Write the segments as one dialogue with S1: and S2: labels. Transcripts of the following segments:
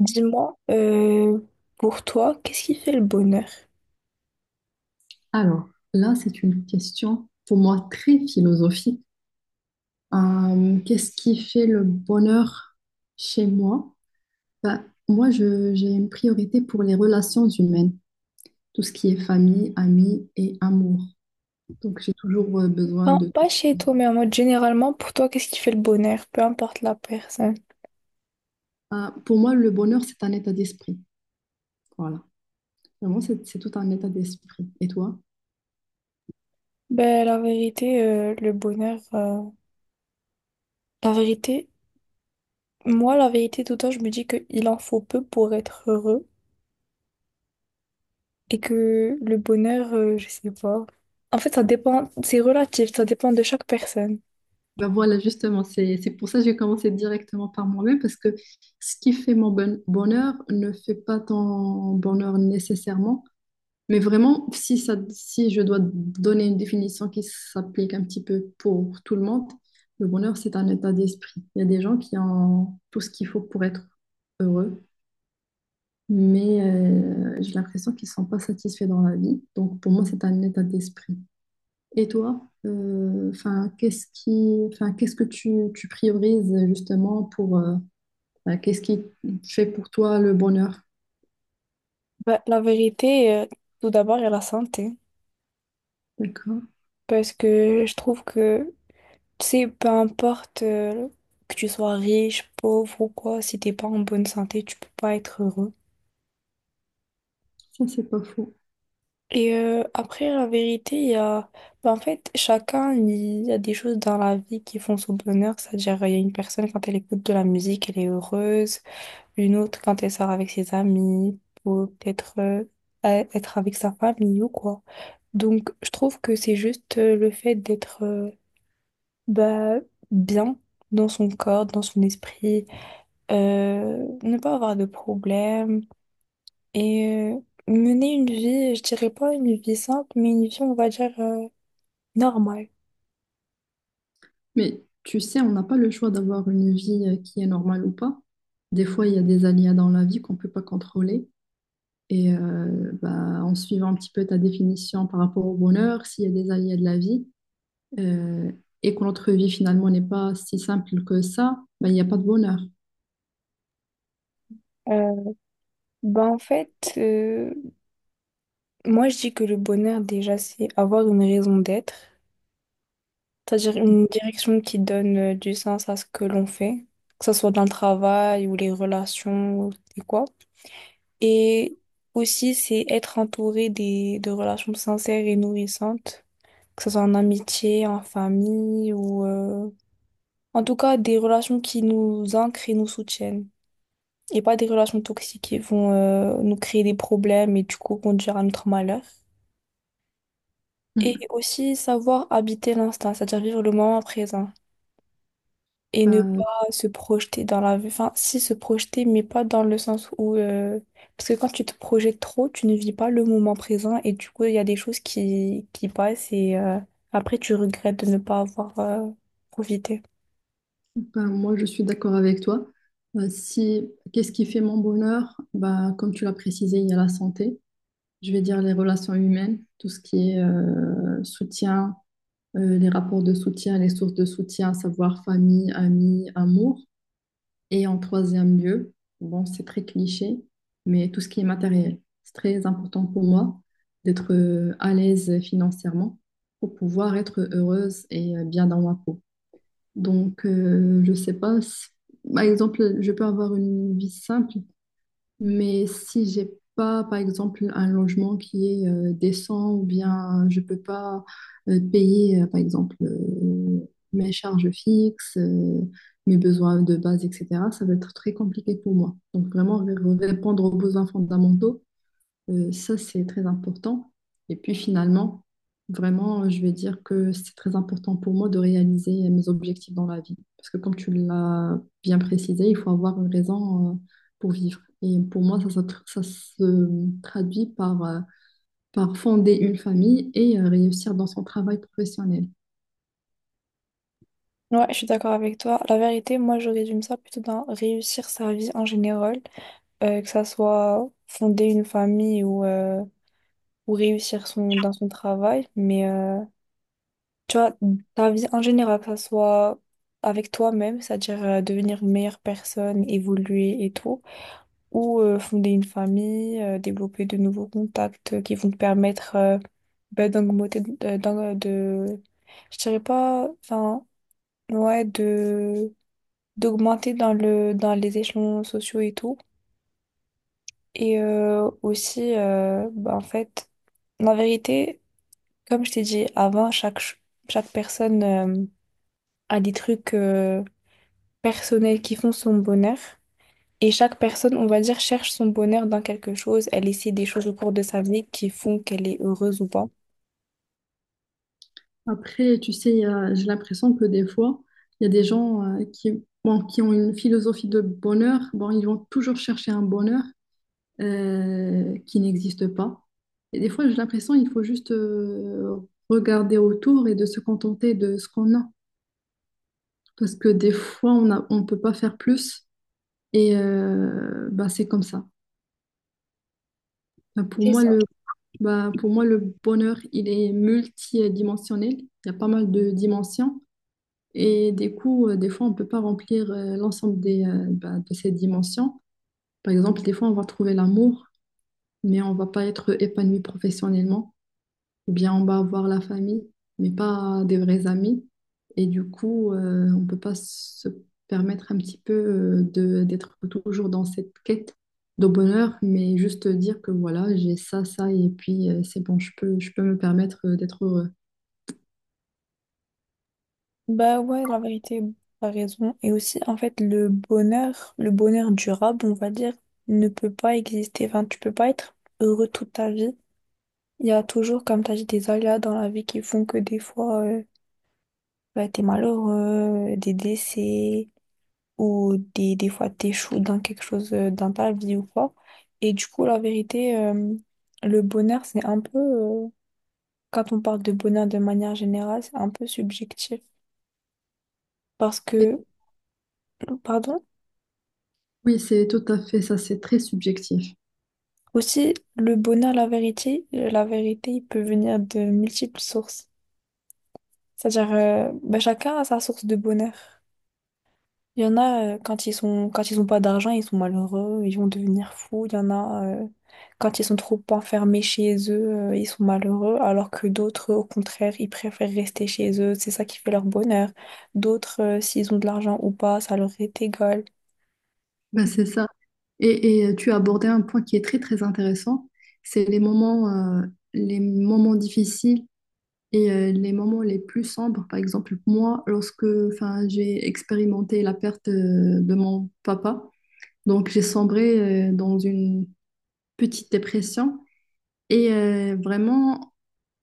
S1: Dis-moi, pour toi, qu'est-ce qui fait le bonheur?
S2: Alors, là, c'est une question pour moi très philosophique. Qu'est-ce qui fait le bonheur chez moi? J'ai une priorité pour les relations humaines, tout ce qui est famille, amis et amour. Donc, j'ai toujours besoin
S1: Enfin,
S2: de
S1: pas
S2: tout
S1: chez toi, mais en mode généralement, pour toi, qu'est-ce qui fait le bonheur? Peu importe la personne.
S2: ça. Pour moi, le bonheur, c'est un état d'esprit. Voilà. Vraiment, c'est tout un état d'esprit. Et toi?
S1: Ben, la vérité, le bonheur, la vérité, moi, la vérité, tout le temps, je me dis qu'il en faut peu pour être heureux et que le bonheur, je sais pas. En fait, ça dépend, c'est relatif, ça dépend de chaque personne.
S2: Ben voilà, justement, c'est pour ça que j'ai commencé directement par moi-même, parce que ce qui fait mon bonheur ne fait pas ton bonheur nécessairement, mais vraiment, si je dois donner une définition qui s'applique un petit peu pour tout le monde, le bonheur, c'est un état d'esprit. Il y a des gens qui ont tout ce qu'il faut pour être heureux, mais j'ai l'impression qu'ils ne sont pas satisfaits dans la vie. Donc pour moi, c'est un état d'esprit. Et toi, enfin, qu'est-ce qui, enfin, qu'est-ce que tu priorises justement pour, qu'est-ce qui fait pour toi le bonheur?
S1: Ben, la vérité, tout d'abord, il y a la santé
S2: D'accord,
S1: parce que je trouve que tu sais, peu importe que tu sois riche, pauvre ou quoi, si t'es pas en bonne santé, tu peux pas être heureux.
S2: ça c'est pas faux.
S1: Et après, la vérité, il y a... ben, en fait, chacun, il y a des choses dans la vie qui font son bonheur. C'est-à-dire, il y a une personne, quand elle écoute de la musique, elle est heureuse. Une autre, quand elle sort avec ses amis, ou peut-être être avec sa famille ou quoi. Donc, je trouve que c'est juste le fait d'être bah, bien dans son corps, dans son esprit. Ne pas avoir de problème et euh, mener une vie, je dirais pas une vie simple, mais une vie, on va dire, normale.
S2: Mais tu sais, on n'a pas le choix d'avoir une vie qui est normale ou pas. Des fois, il y a des aléas dans la vie qu'on peut pas contrôler. En suivant un petit peu ta définition par rapport au bonheur, s'il y a des aléas de la vie euh, et que notre vie finalement n'est pas si simple que ça, bah, il n'y a pas de bonheur.
S1: Euh, bah en fait, moi je dis que le bonheur, déjà, c'est avoir une raison d'être, c'est-à-dire une direction qui donne du sens à ce que l'on fait, que ce soit dans le travail ou les relations ou et quoi. Et aussi, c'est être entouré des, de relations sincères et nourrissantes que ce soit en amitié, en famille ou en tout cas, des relations qui nous ancrent et nous soutiennent. Et pas des relations toxiques qui vont nous créer des problèmes et du coup conduire à notre malheur. Et
S2: Mm.
S1: aussi savoir habiter l'instant, c'est-à-dire vivre le moment présent. Et ne pas
S2: Bah,
S1: se projeter dans la vie. Enfin, si se projeter, mais pas dans le sens où... parce que quand tu te projettes trop, tu ne vis pas le moment présent et du coup, il y a des choses qui passent et après, tu regrettes de ne pas avoir profité.
S2: Ben, moi, je suis d'accord avec toi. Si, qu'est-ce qui fait mon bonheur? Bah, comme tu l'as précisé, il y a la santé. Je vais dire les relations humaines, tout ce qui est soutien, les rapports de soutien, les sources de soutien, à savoir famille, amis, amour. Et en troisième lieu, bon, c'est très cliché, mais tout ce qui est matériel. C'est très important pour moi d'être à l'aise financièrement pour pouvoir être heureuse et bien dans ma peau. Je sais pas. Par exemple, je peux avoir une vie simple, mais si j'ai pas, par exemple, un logement qui est décent ou bien je peux pas payer, par exemple, mes charges fixes, mes besoins de base, etc., ça va être très compliqué pour moi. Donc, vraiment, répondre aux besoins fondamentaux, ça, c'est très important. Et puis finalement, vraiment, je vais dire que c'est très important pour moi de réaliser mes objectifs dans la vie. Parce que comme tu l'as bien précisé, il faut avoir une raison, pour vivre. Et pour moi, ça se traduit par, par fonder une famille et réussir dans son travail professionnel.
S1: Ouais, je suis d'accord avec toi. La vérité, moi, je résume ça plutôt dans réussir sa vie en général, que ça soit fonder une famille ou réussir son, dans son travail. Mais tu vois, ta vie en général, que ça soit avec toi-même, c'est-à-dire devenir une meilleure personne, évoluer et tout, ou fonder une famille, développer de nouveaux contacts qui vont te permettre ben, d'augmenter, je dirais pas, enfin, ouais, de d'augmenter dans le dans les échelons sociaux et tout et aussi bah, en fait la vérité comme je t'ai dit avant chaque personne a des trucs personnels qui font son bonheur. Et chaque personne, on va dire, cherche son bonheur dans quelque chose. Elle essaie des choses au cours de sa vie qui font qu'elle est heureuse ou pas.
S2: Après, tu sais, j'ai l'impression que des fois, il y a des gens bon, qui ont une philosophie de bonheur. Bon, ils vont toujours chercher un bonheur qui n'existe pas. Et des fois, j'ai l'impression qu'il faut juste regarder autour et de se contenter de ce qu'on a. Parce que des fois, on peut pas faire plus. C'est comme ça. Bah, pour
S1: C'est
S2: moi,
S1: ça.
S2: le, bah, pour moi, le bonheur, il est multidimensionnel. Il y a pas mal de dimensions. Et des coups, des fois, on peut pas remplir l'ensemble des, de ces dimensions. Par exemple, des fois, on va trouver l'amour, mais on va pas être épanoui professionnellement. Ou bien on va voir la famille, mais pas des vrais amis. On peut pas se permettre un petit peu de d'être toujours dans cette quête de bonheur, mais juste dire que voilà, j'ai ça, ça, et puis c'est bon, je peux me permettre d'être heureux.
S1: Bah ouais, la vérité, t'as raison. Et aussi, en fait, le bonheur durable, on va dire, ne peut pas exister. Enfin, tu peux pas être heureux toute ta vie. Il y a toujours, comme tu as dit, des aléas dans la vie qui font que des fois, bah, t'es malheureux, des décès, ou des fois t'échoues dans quelque chose, dans ta vie ou quoi. Et du coup, la vérité, le bonheur, c'est un peu, quand on parle de bonheur de manière générale, c'est un peu subjectif. Parce
S2: Et
S1: que, pardon,
S2: oui, c'est tout à fait ça, c'est très subjectif.
S1: aussi, le bonheur, la vérité, il peut venir de multiples sources. C'est-à-dire, bah, chacun a sa source de bonheur. Il y en a, quand ils ont pas d'argent, ils sont malheureux, ils vont devenir fous. Il y en a, quand ils sont trop enfermés chez eux, ils sont malheureux, alors que d'autres, au contraire, ils préfèrent rester chez eux. C'est ça qui fait leur bonheur. D'autres, s'ils ont de l'argent ou pas, ça leur est égal.
S2: Ben, c'est ça. Et tu as abordé un point qui est très, très intéressant, c'est euh, les moments difficiles. Les moments les plus sombres, par exemple, moi, lorsque enfin, j'ai expérimenté la perte de mon papa, donc j'ai sombré dans une petite dépression. Vraiment,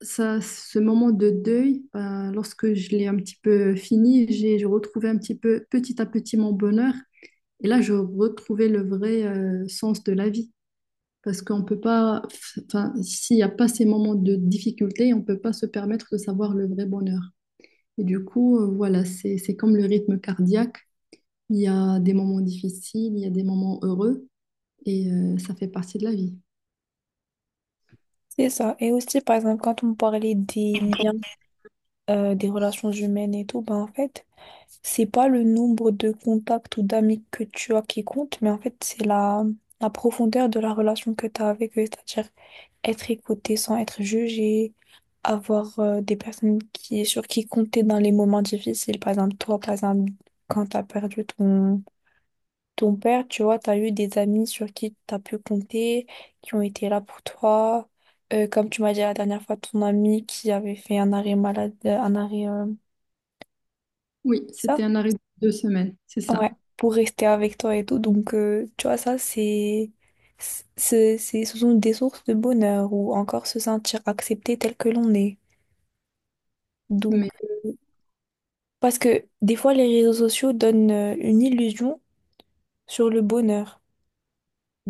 S2: ça, ce moment de deuil, ben, lorsque je l'ai un petit peu fini, j'ai retrouvé un petit peu, petit à petit, mon bonheur. Et là, je retrouvais le vrai sens de la vie. Parce qu'on peut pas, enfin, s'il n'y a pas ces moments de difficulté, on peut pas se permettre de savoir le vrai bonheur. Voilà, c'est comme le rythme cardiaque. Il y a des moments difficiles, il y a des moments heureux, ça fait partie de la vie.
S1: C'est ça. Et aussi, par exemple, quand on parlait des liens des relations humaines et tout, ben en fait, c'est pas le nombre de contacts ou d'amis que tu as qui compte, mais en fait, c'est la profondeur de la relation que tu as avec eux, c'est-à-dire être écouté sans être jugé, avoir des personnes sur qui compter dans les moments difficiles, par exemple, toi, par exemple, quand tu as perdu ton père, tu vois, tu as eu des amis sur qui tu as pu compter, qui ont été là pour toi. Comme tu m'as dit la dernière fois, ton ami qui avait fait un arrêt malade, un arrêt,
S2: Oui,
S1: ça?
S2: c'était un arrêt de 2 semaines, c'est
S1: Ouais,
S2: ça.
S1: pour rester avec toi et tout. Donc, tu vois, ça, c'est, ce sont des sources de bonheur ou encore se sentir accepté tel que l'on est. Donc,
S2: Mais
S1: parce que des fois, les réseaux sociaux donnent une illusion sur le bonheur.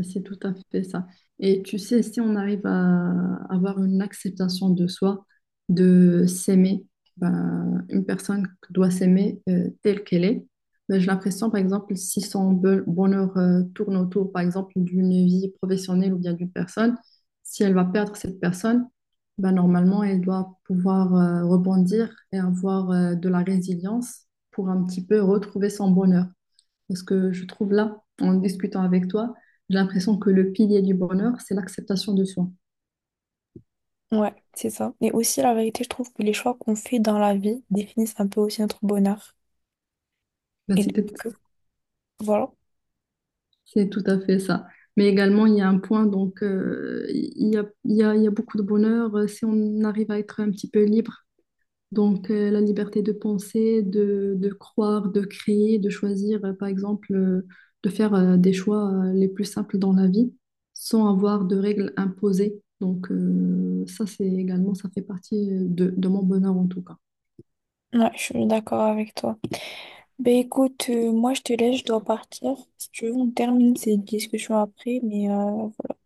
S2: c'est tout à fait ça. Et tu sais, si on arrive à avoir une acceptation de soi, de s'aimer, ben, une personne doit s'aimer telle qu'elle est. Ben, j'ai l'impression, par exemple, si son bonheur tourne autour, par exemple, d'une vie professionnelle ou bien d'une personne, si elle va perdre cette personne, ben, normalement, elle doit pouvoir rebondir et avoir de la résilience pour un petit peu retrouver son bonheur. Parce que je trouve là, en discutant avec toi, j'ai l'impression que le pilier du bonheur, c'est l'acceptation de soi.
S1: Ouais, c'est ça. Et aussi, la vérité, je trouve que les choix qu'on fait dans la vie définissent un peu aussi notre bonheur.
S2: Ben,
S1: Et
S2: c'est peut-être-
S1: donc, voilà.
S2: c'est tout à fait ça. Mais également, il y a un point, donc, il y a beaucoup de bonheur si on arrive à être un petit peu libre. La liberté de penser, de croire, de créer, de choisir, par exemple, de faire des choix les plus simples dans la vie sans avoir de règles imposées. Ça, c'est également, ça fait partie de mon bonheur en tout cas.
S1: Ouais, je suis d'accord avec toi. Ben écoute, moi je te laisse, je dois partir. Si tu veux, on termine cette discussion après, mais voilà.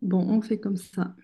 S2: Bon, on fait comme ça.